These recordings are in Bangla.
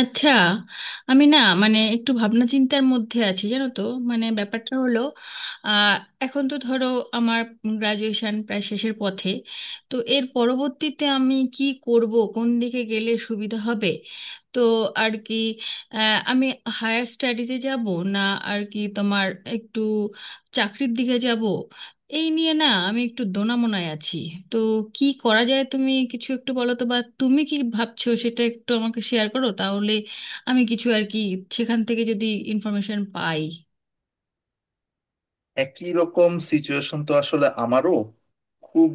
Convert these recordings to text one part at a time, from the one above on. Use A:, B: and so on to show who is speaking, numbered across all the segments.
A: আচ্ছা। আমি মানে একটু ভাবনা চিন্তার মধ্যে আছি, জানো তো। মানে ব্যাপারটা হলো, আহ, এখন তো ধরো আমার গ্রাজুয়েশন প্রায় শেষের পথে। তো এর পরবর্তীতে আমি কি করব, কোন দিকে গেলে সুবিধা হবে। তো আর কি আমি হায়ার স্টাডিজে যাব, না আর কি তোমার একটু চাকরির দিকে যাব, এই নিয়ে না আমি একটু দোনামোনায় আছি। তো কি করা যায়, তুমি কিছু একটু বলো তো, বা তুমি কি ভাবছো সেটা একটু আমাকে শেয়ার করো তাহলে। আমি কিছু আর কি সেখান থেকে যদি ইনফরমেশন পাই।
B: একই রকম সিচুয়েশন তো আসলে আমারও খুব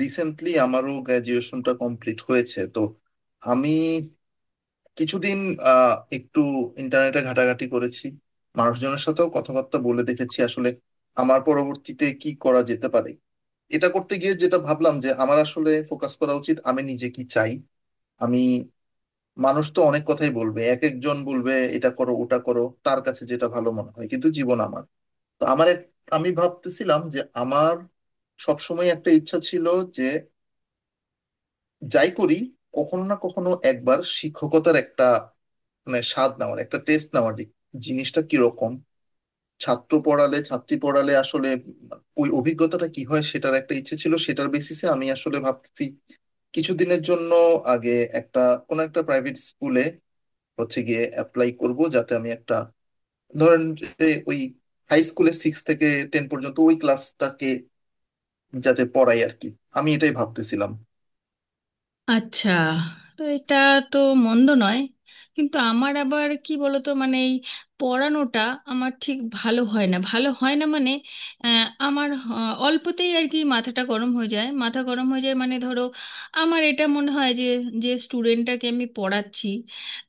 B: রিসেন্টলি আমারও গ্র্যাজুয়েশনটা কমপ্লিট হয়েছে। তো আমি কিছুদিন একটু ইন্টারনেটে ঘাটাঘাটি করেছি, মানুষজনের সাথেও কথাবার্তা বলে দেখেছি আসলে আমার পরবর্তীতে কি করা যেতে পারে। এটা করতে গিয়ে যেটা ভাবলাম, যে আমার আসলে ফোকাস করা উচিত আমি নিজে কি চাই। আমি, মানুষ তো অনেক কথাই বলবে, এক একজন বলবে এটা করো ওটা করো, তার কাছে যেটা ভালো মনে হয়, কিন্তু জীবন আমার। তো আমার আমি ভাবতেছিলাম যে আমার সবসময় একটা ইচ্ছা ছিল, যে যাই করি কখনো না কখনো একবার শিক্ষকতার একটা মানে স্বাদ নেওয়ার, একটা টেস্ট নেওয়ার যে জিনিসটা কিরকম, ছাত্র পড়ালে ছাত্রী পড়ালে আসলে ওই অভিজ্ঞতাটা কি হয়, সেটার একটা ইচ্ছে ছিল। সেটার বেসিসে আমি আসলে ভাবতেছি কিছুদিনের জন্য আগে একটা, কোনো একটা প্রাইভেট স্কুলে হচ্ছে গিয়ে অ্যাপ্লাই করব, যাতে আমি একটা, ধরেন, যে ওই হাই স্কুলে সিক্স থেকে টেন পর্যন্ত ওই ক্লাসটাকে যাতে পড়াই আর কি। আমি এটাই ভাবতেছিলাম।
A: আচ্ছা, তো এটা তো মন্দ নয়, কিন্তু আমার আবার কি বলতো, মানে এই পড়ানোটা আমার ঠিক ভালো হয় না, ভালো হয় না, মানে আমার অল্পতেই আর কি মাথাটা গরম হয়ে যায়, মাথা গরম হয়ে যায়, মানে ধরো আমার এটা মনে হয় যে, যে স্টুডেন্টটাকে আমি পড়াচ্ছি,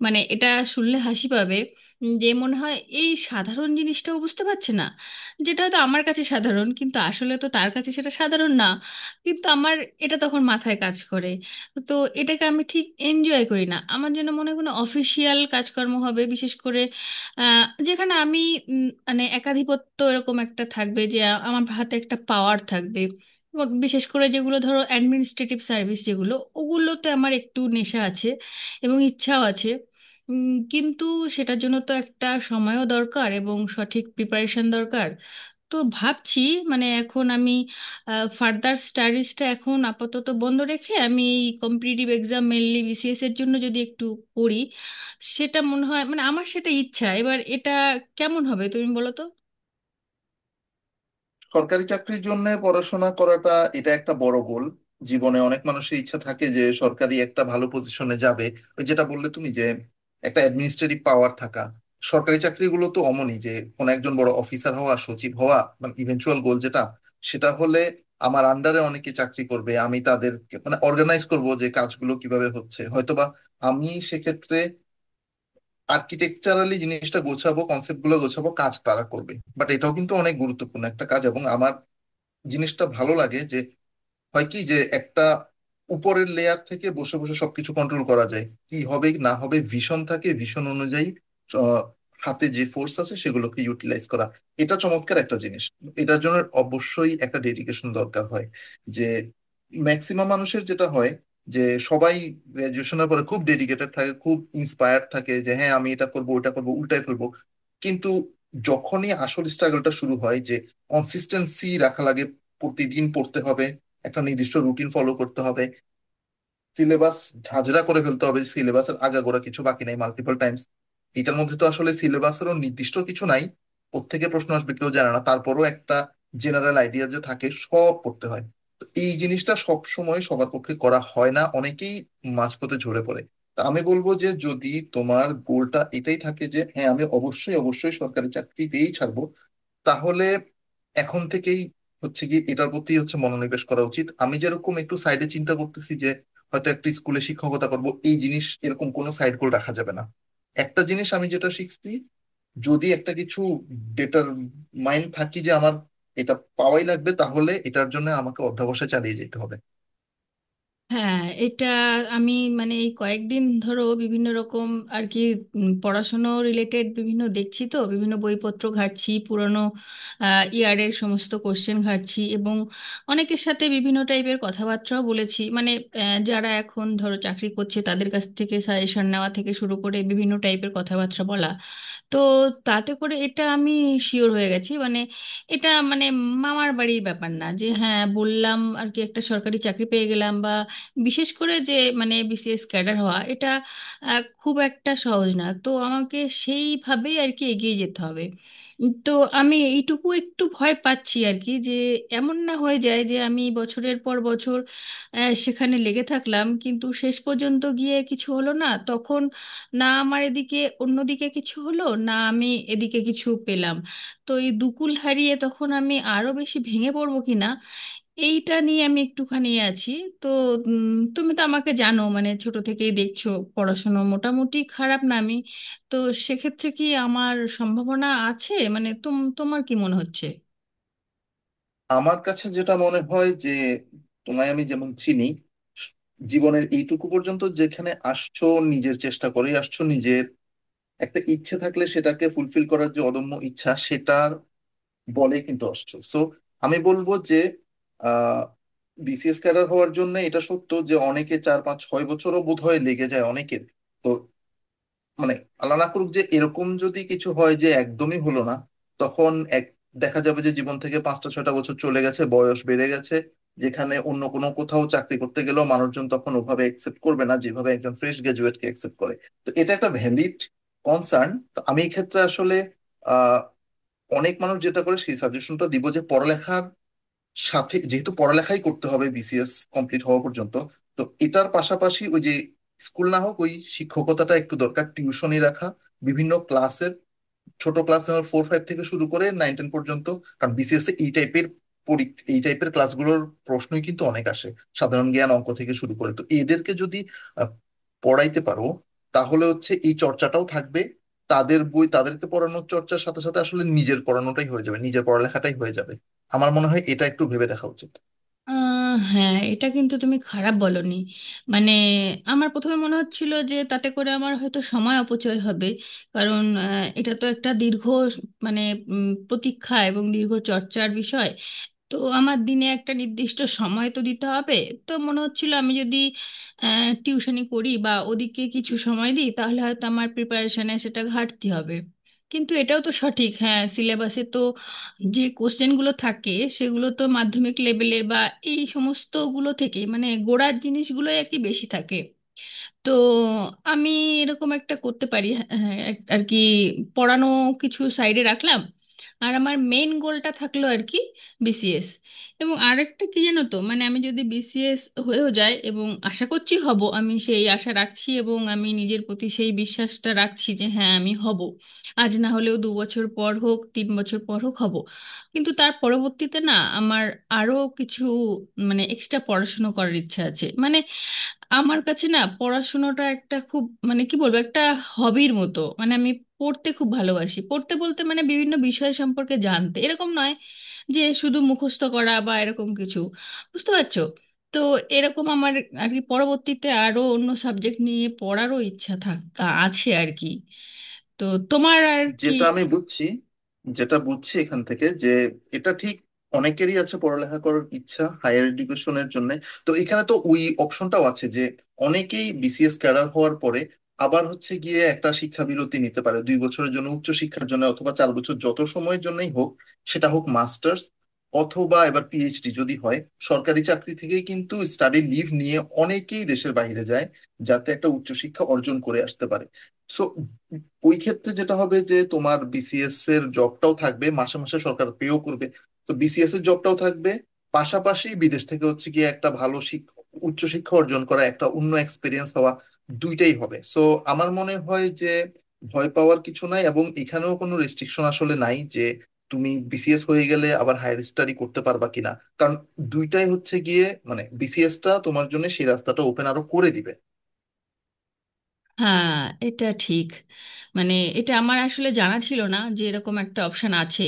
A: মানে এটা শুনলে হাসি পাবে, যে মনে হয় এই সাধারণ জিনিসটাও বুঝতে পারছে না, যেটা হয়তো আমার কাছে সাধারণ কিন্তু আসলে তো তার কাছে সেটা সাধারণ না, কিন্তু আমার এটা তখন মাথায় কাজ করে। তো এটাকে আমি ঠিক এনজয় করি না। আমার জন্য মনে হয় কোনো অফিসিয়াল কাজকর্ম হবে, বিশেষ করে আহ, যেখানে আমি মানে একাধিপত্য এরকম একটা থাকবে, যে আমার হাতে একটা পাওয়ার থাকবে। এবং বিশেষ করে যেগুলো ধরো অ্যাডমিনিস্ট্রেটিভ সার্ভিস, যেগুলো ওগুলোতে আমার একটু নেশা আছে, এবং ইচ্ছাও আছে। কিন্তু সেটার জন্য তো একটা সময়ও দরকার এবং সঠিক প্রিপারেশন দরকার। তো ভাবছি মানে এখন আমি ফার্দার স্টাডিজটা এখন আপাতত বন্ধ রেখে আমি এই কম্পিটিটিভ এক্সাম, মেনলি বিসিএস এর জন্য যদি একটু পড়ি, সেটা মনে হয়, মানে আমার সেটা ইচ্ছা। এবার এটা কেমন হবে তুমি বলো তো।
B: সরকারি চাকরির জন্য পড়াশোনা করাটা এটা একটা বড় গোল। জীবনে অনেক মানুষের ইচ্ছা থাকে যে সরকারি একটা ভালো পজিশনে যাবে। ওই যেটা বললে তুমি, যে একটা অ্যাডমিনিস্ট্রেটিভ পাওয়ার থাকা, সরকারি চাকরিগুলো তো অমনই, যে কোনো একজন বড় অফিসার হওয়া, সচিব হওয়া মানে ইভেনচুয়াল গোল যেটা, সেটা হলে আমার আন্ডারে অনেকে চাকরি করবে, আমি তাদের মানে অর্গানাইজ করব যে কাজগুলো কিভাবে হচ্ছে, হয়তোবা আমি সেক্ষেত্রে আর্কিটেকচারালি জিনিসটা গোছাবো, কনসেপ্ট গুলো গোছাবো, কাজ তারা করবে। বাট এটাও কিন্তু অনেক গুরুত্বপূর্ণ একটা কাজ, এবং আমার জিনিসটা ভালো লাগে, যে হয় কি যে একটা উপরের লেয়ার থেকে বসে বসে সবকিছু কন্ট্রোল করা যায়, কি হবে না হবে ভিশন থাকে, ভিশন অনুযায়ী আহ, হাতে যে ফোর্স আছে সেগুলোকে ইউটিলাইজ করা, এটা চমৎকার একটা জিনিস। এটার জন্য অবশ্যই একটা ডেডিকেশন দরকার হয়। যে ম্যাক্সিমাম মানুষের যেটা হয়, যে সবাই গ্র্যাজুয়েশনের পরে খুব ডেডিকেটেড থাকে, খুব ইন্সপায়ার্ড থাকে, যে হ্যাঁ আমি এটা করবো ওটা করবো উল্টাই ফেলবো। কিন্তু যখনই আসল স্ট্রাগলটা শুরু হয়, যে কনসিস্টেন্সি রাখা লাগে, প্রতিদিন পড়তে হবে, একটা নির্দিষ্ট রুটিন ফলো করতে হবে, সিলেবাস ঝাঁঝরা করে ফেলতে হবে, সিলেবাসের আগাগোড়া কিছু বাকি নাই মাল্টিপল টাইমস। এটার মধ্যে তো আসলে সিলেবাসেরও নির্দিষ্ট কিছু নাই, কোত্থেকে প্রশ্ন আসবে কেউ জানে না, তারপরও একটা জেনারেল আইডিয়া যে থাকে সব পড়তে হয়। তো এই জিনিসটা সব সময় সবার পক্ষে করা হয় না, অনেকেই মাঝপথে ঝরে পড়ে। তা আমি বলবো যে যদি তোমার গোলটা এটাই থাকে যে হ্যাঁ আমি অবশ্যই অবশ্যই সরকারি চাকরিতেই ছাড়বো, তাহলে এখন থেকেই হচ্ছে কি এটার প্রতি হচ্ছে মনোনিবেশ করা উচিত। আমি যেরকম একটু সাইডে চিন্তা করতেছি যে হয়তো একটা স্কুলে শিক্ষকতা করব, এই জিনিস এরকম কোনো সাইড গোল রাখা যাবে না। একটা জিনিস আমি যেটা শিখছি, যদি একটা কিছু ডেটার মাইন্ড থাকি যে আমার এটা পাওয়াই লাগবে, তাহলে এটার জন্য আমাকে অধ্যবসায় চালিয়ে যেতে হবে।
A: হ্যাঁ, এটা আমি মানে এই কয়েকদিন ধরো বিভিন্ন রকম আর কি পড়াশুনো রিলেটেড বিভিন্ন দেখছি তো, বিভিন্ন বইপত্র ঘাঁটছি, পুরনো ইয়ারের সমস্ত কোশ্চেন ঘাঁটছি, এবং অনেকের সাথে বিভিন্ন টাইপের কথাবার্তাও বলেছি। মানে যারা এখন ধরো চাকরি করছে তাদের কাছ থেকে সাজেশন নেওয়া থেকে শুরু করে বিভিন্ন টাইপের কথাবার্তা বলা। তো তাতে করে এটা আমি শিওর হয়ে গেছি, মানে এটা মানে মামার বাড়ির ব্যাপার না যে হ্যাঁ বললাম আর কি একটা সরকারি চাকরি পেয়ে গেলাম, বা বিশেষ করে যে মানে বিসিএস ক্যাডার হওয়া এটা খুব একটা সহজ না। তো আমাকে সেইভাবেই আর কি এগিয়ে যেতে হবে। তো আমি এইটুকু একটু ভয় পাচ্ছি আর কি, যে এমন না হয়ে যায় যে আমি বছরের পর বছর সেখানে লেগে থাকলাম কিন্তু শেষ পর্যন্ত গিয়ে কিছু হলো না, তখন না আমার এদিকে অন্যদিকে কিছু হলো না, আমি এদিকে কিছু পেলাম, তো এই দুকুল হারিয়ে তখন আমি আরো বেশি ভেঙে পড়বো কিনা, এইটা নিয়ে আমি একটুখানি এ আছি। তো উম, তুমি তো আমাকে জানো, মানে ছোট থেকেই দেখছো, পড়াশোনা মোটামুটি খারাপ না আমি। তো সেক্ষেত্রে কি আমার সম্ভাবনা আছে, মানে তোমার কি মনে হচ্ছে।
B: আমার কাছে যেটা মনে হয়, যে তোমায় আমি যেমন চিনি, জীবনের এইটুকু পর্যন্ত যেখানে আসছো, নিজের চেষ্টা করে আসছো, নিজের একটা ইচ্ছে থাকলে সেটাকে ফুলফিল করার যে অদম্য ইচ্ছা সেটার বলে কিন্তু অস্ত্র। সো আমি বলবো যে আহ বিসিএস ক্যাডার হওয়ার জন্য এটা সত্য যে অনেকে চার পাঁচ ছয় বছরও বোধ হয় লেগে যায় অনেকের। তো মানে, আল্লাহ না করুক যে এরকম যদি কিছু হয় যে একদমই হলো না, তখন এক, দেখা যাবে যে জীবন থেকে পাঁচটা ছয়টা বছর চলে গেছে, বয়স বেড়ে গেছে, যেখানে অন্য কোনো কোথাও চাকরি করতে গেলেও মানুষজন তখন ওভাবে অ্যাকসেপ্ট করবে না যেভাবে একজন ফ্রেশ গ্রাজুয়েট কে অ্যাকসেপ্ট করে। তো এটা একটা ভ্যালিড কনসার্ন। তো আমি এই ক্ষেত্রে আসলে আহ অনেক মানুষ যেটা করে সেই সাজেশনটা দিব, যে পড়ালেখার সাথে, যেহেতু পড়ালেখাই করতে হবে বিসিএস কমপ্লিট হওয়া পর্যন্ত, তো এটার পাশাপাশি ওই যে স্কুল না হোক, ওই শিক্ষকতাটা একটু দরকার, টিউশনি রাখা বিভিন্ন ক্লাসের, ছোট ক্লাস আমার ফোর ফাইভ থেকে শুরু করে নাইন টেন পর্যন্ত। কারণ বিসিএস এই টাইপের ক্লাসগুলোর প্রশ্নই কিন্তু অনেক আসে, সাধারণ জ্ঞান অঙ্ক থেকে শুরু করে। তো এদেরকে যদি আহ, পড়াইতে পারো, তাহলে হচ্ছে এই চর্চাটাও থাকবে। তাদের বই তাদেরকে পড়ানোর চর্চার সাথে সাথে আসলে নিজের পড়ানোটাই হয়ে যাবে, নিজের পড়ালেখাটাই হয়ে যাবে। আমার মনে হয় এটা একটু ভেবে দেখা উচিত।
A: আহ হ্যাঁ, এটা কিন্তু তুমি খারাপ বলনি। মানে আমার প্রথমে মনে হচ্ছিল যে তাতে করে আমার হয়তো সময় অপচয় হবে, কারণ এটা তো একটা দীর্ঘ, মানে প্রতীক্ষা এবং দীর্ঘ চর্চার বিষয়। তো আমার দিনে একটা নির্দিষ্ট সময় তো দিতে হবে। তো মনে হচ্ছিল আমি যদি টিউশনি করি বা ওদিকে কিছু সময় দিই তাহলে হয়তো আমার প্রিপারেশনে সেটা ঘাটতি হবে। কিন্তু এটাও তো সঠিক, হ্যাঁ সিলেবাসে তো যে কোশ্চেনগুলো থাকে সেগুলো তো মাধ্যমিক লেভেলের বা এই সমস্তগুলো থেকে মানে গোড়ার জিনিসগুলোই আর কি বেশি থাকে। তো আমি এরকম একটা করতে পারি, হ্যাঁ, হ্যাঁ, আর কি পড়ানো কিছু সাইডে রাখলাম আর আমার মেন গোলটা থাকলো আর কি বিসিএস। এবং আরেকটা কি জানো তো, মানে আমি যদি বিসিএস হয়েও যায় এবং আশা করছি হব, আমি সেই আশা রাখছি এবং আমি নিজের প্রতি সেই বিশ্বাসটা রাখছি যে হ্যাঁ আমি হব, আজ না হলেও 2 বছর পর হোক 3 বছর পর হোক হব। কিন্তু তার পরবর্তীতে না আমার আরও কিছু মানে এক্সট্রা পড়াশুনো করার ইচ্ছা আছে। মানে আমার কাছে না পড়াশোনাটা একটা খুব মানে কি বলবো একটা হবির মতো, মানে আমি পড়তে খুব ভালোবাসি। পড়তে বলতে মানে বিভিন্ন বিষয় সম্পর্কে জানতে, এরকম নয় যে শুধু মুখস্থ করা বা এরকম কিছু, বুঝতে পারছো। তো এরকম আমার আর কি পরবর্তীতে আরো অন্য সাবজেক্ট নিয়ে পড়ারও ইচ্ছা থাক আছে আর কি। তো তোমার আর কি।
B: যেটা আমি বুঝছি যেটা বুঝছি এখান থেকে, যে এটা ঠিক অনেকেরই আছে পড়ালেখা করার ইচ্ছা হায়ার এডুকেশনের জন্য। তো এখানে তো ওই অপশনটাও আছে, যে অনেকেই বিসিএস ক্যাডার হওয়ার পরে আবার হচ্ছে গিয়ে একটা শিক্ষা বিরতি নিতে পারে 2 বছরের জন্য উচ্চ শিক্ষার জন্য, অথবা 4 বছর যত সময়ের জন্যই হোক, সেটা হোক মাস্টার্স অথবা এবার পিএইচডি যদি হয়। সরকারি চাকরি থেকেই কিন্তু স্টাডি লিভ নিয়ে অনেকেই দেশের বাইরে যায়, যাতে একটা উচ্চশিক্ষা অর্জন করে আসতে পারে। সো ওই ক্ষেত্রে যেটা হবে যে তোমার বিসিএস এর জবটাও থাকবে, মাসে মাসে সরকার পেও করবে। তো বিসিএস এর জবটাও থাকবে, পাশাপাশি বিদেশ থেকে হচ্ছে গিয়ে একটা ভালো শিক্ষা, উচ্চশিক্ষা অর্জন করা, একটা অন্য এক্সপিরিয়েন্স হওয়া, দুইটাই হবে। সো আমার মনে হয় যে ভয় পাওয়ার কিছু নাই, এবং এখানেও কোনো রেস্ট্রিকশন আসলে নাই যে তুমি বিসিএস হয়ে গেলে আবার হায়ার স্টাডি করতে পারবা কিনা। কারণ দুইটাই হচ্ছে গিয়ে মানে বিসিএস টা তোমার জন্য সেই রাস্তাটা ওপেন আরো করে দিবে।
A: হ্যাঁ এটা ঠিক। মানে এটা আমার আসলে জানা ছিল না যে এরকম একটা অপশন আছে।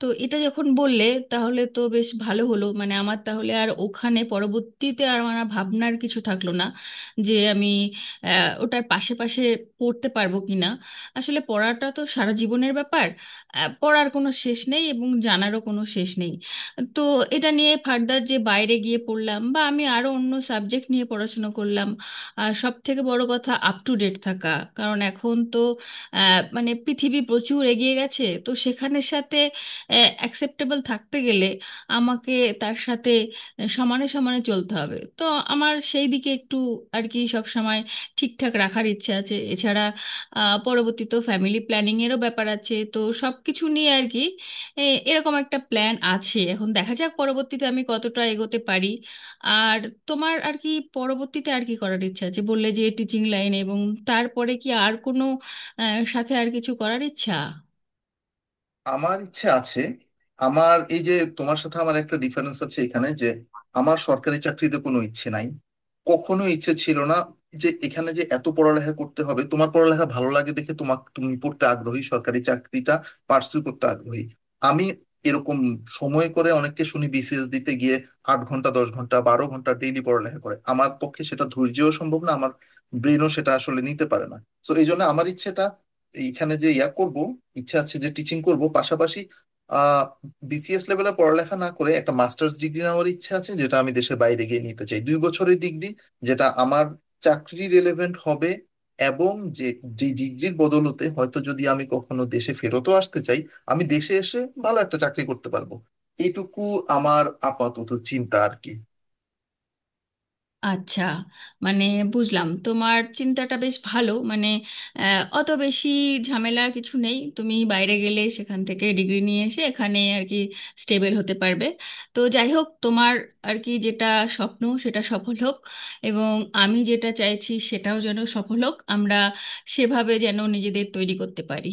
A: তো এটা যখন বললে তাহলে তো বেশ ভালো হলো, মানে আমার তাহলে আর ওখানে পরবর্তীতে আর আমার আর ভাবনার কিছু থাকলো না যে আমি ওটার পাশে পাশে পড়তে পারবো কিনা। আসলে পড়াটা তো সারা জীবনের ব্যাপার, পড়ার কোনো শেষ নেই এবং জানারও কোনো শেষ নেই। তো এটা নিয়ে ফার্দার যে বাইরে গিয়ে পড়লাম বা আমি আরো অন্য সাবজেক্ট নিয়ে পড়াশোনা করলাম, আর সব থেকে বড় কথা আপ টু ডেট থাকা। কারণ এখন তো মানে পৃথিবী প্রচুর এগিয়ে গেছে, তো সেখানের সাথে অ্যাকসেপ্টেবল থাকতে গেলে আমাকে তার সাথে সমানে সমানে চলতে হবে। তো আমার সেই দিকে একটু আর কি সব সময় ঠিকঠাক রাখার ইচ্ছে আছে। এছাড়া পরবর্তীতে ফ্যামিলি প্ল্যানিং এরও ব্যাপার আছে, তো সব কিছু নিয়ে আর কি এরকম একটা প্ল্যান আছে। এখন দেখা যাক পরবর্তীতে আমি কতটা এগোতে পারি। আর তোমার আর কি পরবর্তীতে আর কি করার ইচ্ছা আছে, বললে যে টিচিং লাইন, এবং তারপরে কি আর কোনো সাথে আর কিছু করার ইচ্ছা।
B: আমার ইচ্ছে আছে, আমার এই যে, তোমার সাথে আমার একটা ডিফারেন্স আছে এখানে, যে আমার সরকারি চাকরিতে কোনো ইচ্ছে নাই, কখনো ইচ্ছে ছিল না। যে এখানে যে এত পড়ালেখা করতে হবে, তোমার পড়ালেখা ভালো লাগে দেখে তোমাকে, তুমি পড়তে আগ্রহী, সরকারি চাকরিটা পার্সু করতে আগ্রহী। আমি এরকম সময় করে অনেককে শুনি বিসিএস দিতে গিয়ে 8 ঘন্টা 10 ঘন্টা 12 ঘন্টা ডেইলি পড়ালেখা করে, আমার পক্ষে সেটা ধৈর্যও সম্ভব না, আমার ব্রেনও সেটা আসলে নিতে পারে না। তো এই জন্য আমার ইচ্ছেটা এইখানে, যে ইয়া করব, ইচ্ছা আছে যে টিচিং করব পাশাপাশি আহ বিসিএস লেভেলে পড়ালেখা না করে একটা মাস্টার্স ডিগ্রি নেওয়ার ইচ্ছা আছে, যেটা আমি দেশের বাইরে গিয়ে নিতে চাই, 2 বছরের ডিগ্রি, যেটা আমার চাকরি রেলেভেন্ট হবে। এবং যে যে ডিগ্রির বদলতে হয়তো যদি আমি কখনো দেশে ফেরতও আসতে চাই, আমি দেশে এসে ভালো একটা চাকরি করতে পারবো। এইটুকু আমার আপাতত চিন্তা আর কি।
A: আচ্ছা, মানে বুঝলাম তোমার চিন্তাটা বেশ ভালো। মানে অত বেশি ঝামেলার কিছু নেই, তুমি বাইরে গেলে সেখান থেকে ডিগ্রি নিয়ে এসে এখানে আর কি স্টেবল হতে পারবে। তো যাই হোক তোমার আর কি যেটা স্বপ্ন সেটা সফল হোক, এবং আমি যেটা চাইছি সেটাও যেন সফল হোক, আমরা সেভাবে যেন নিজেদের তৈরি করতে পারি।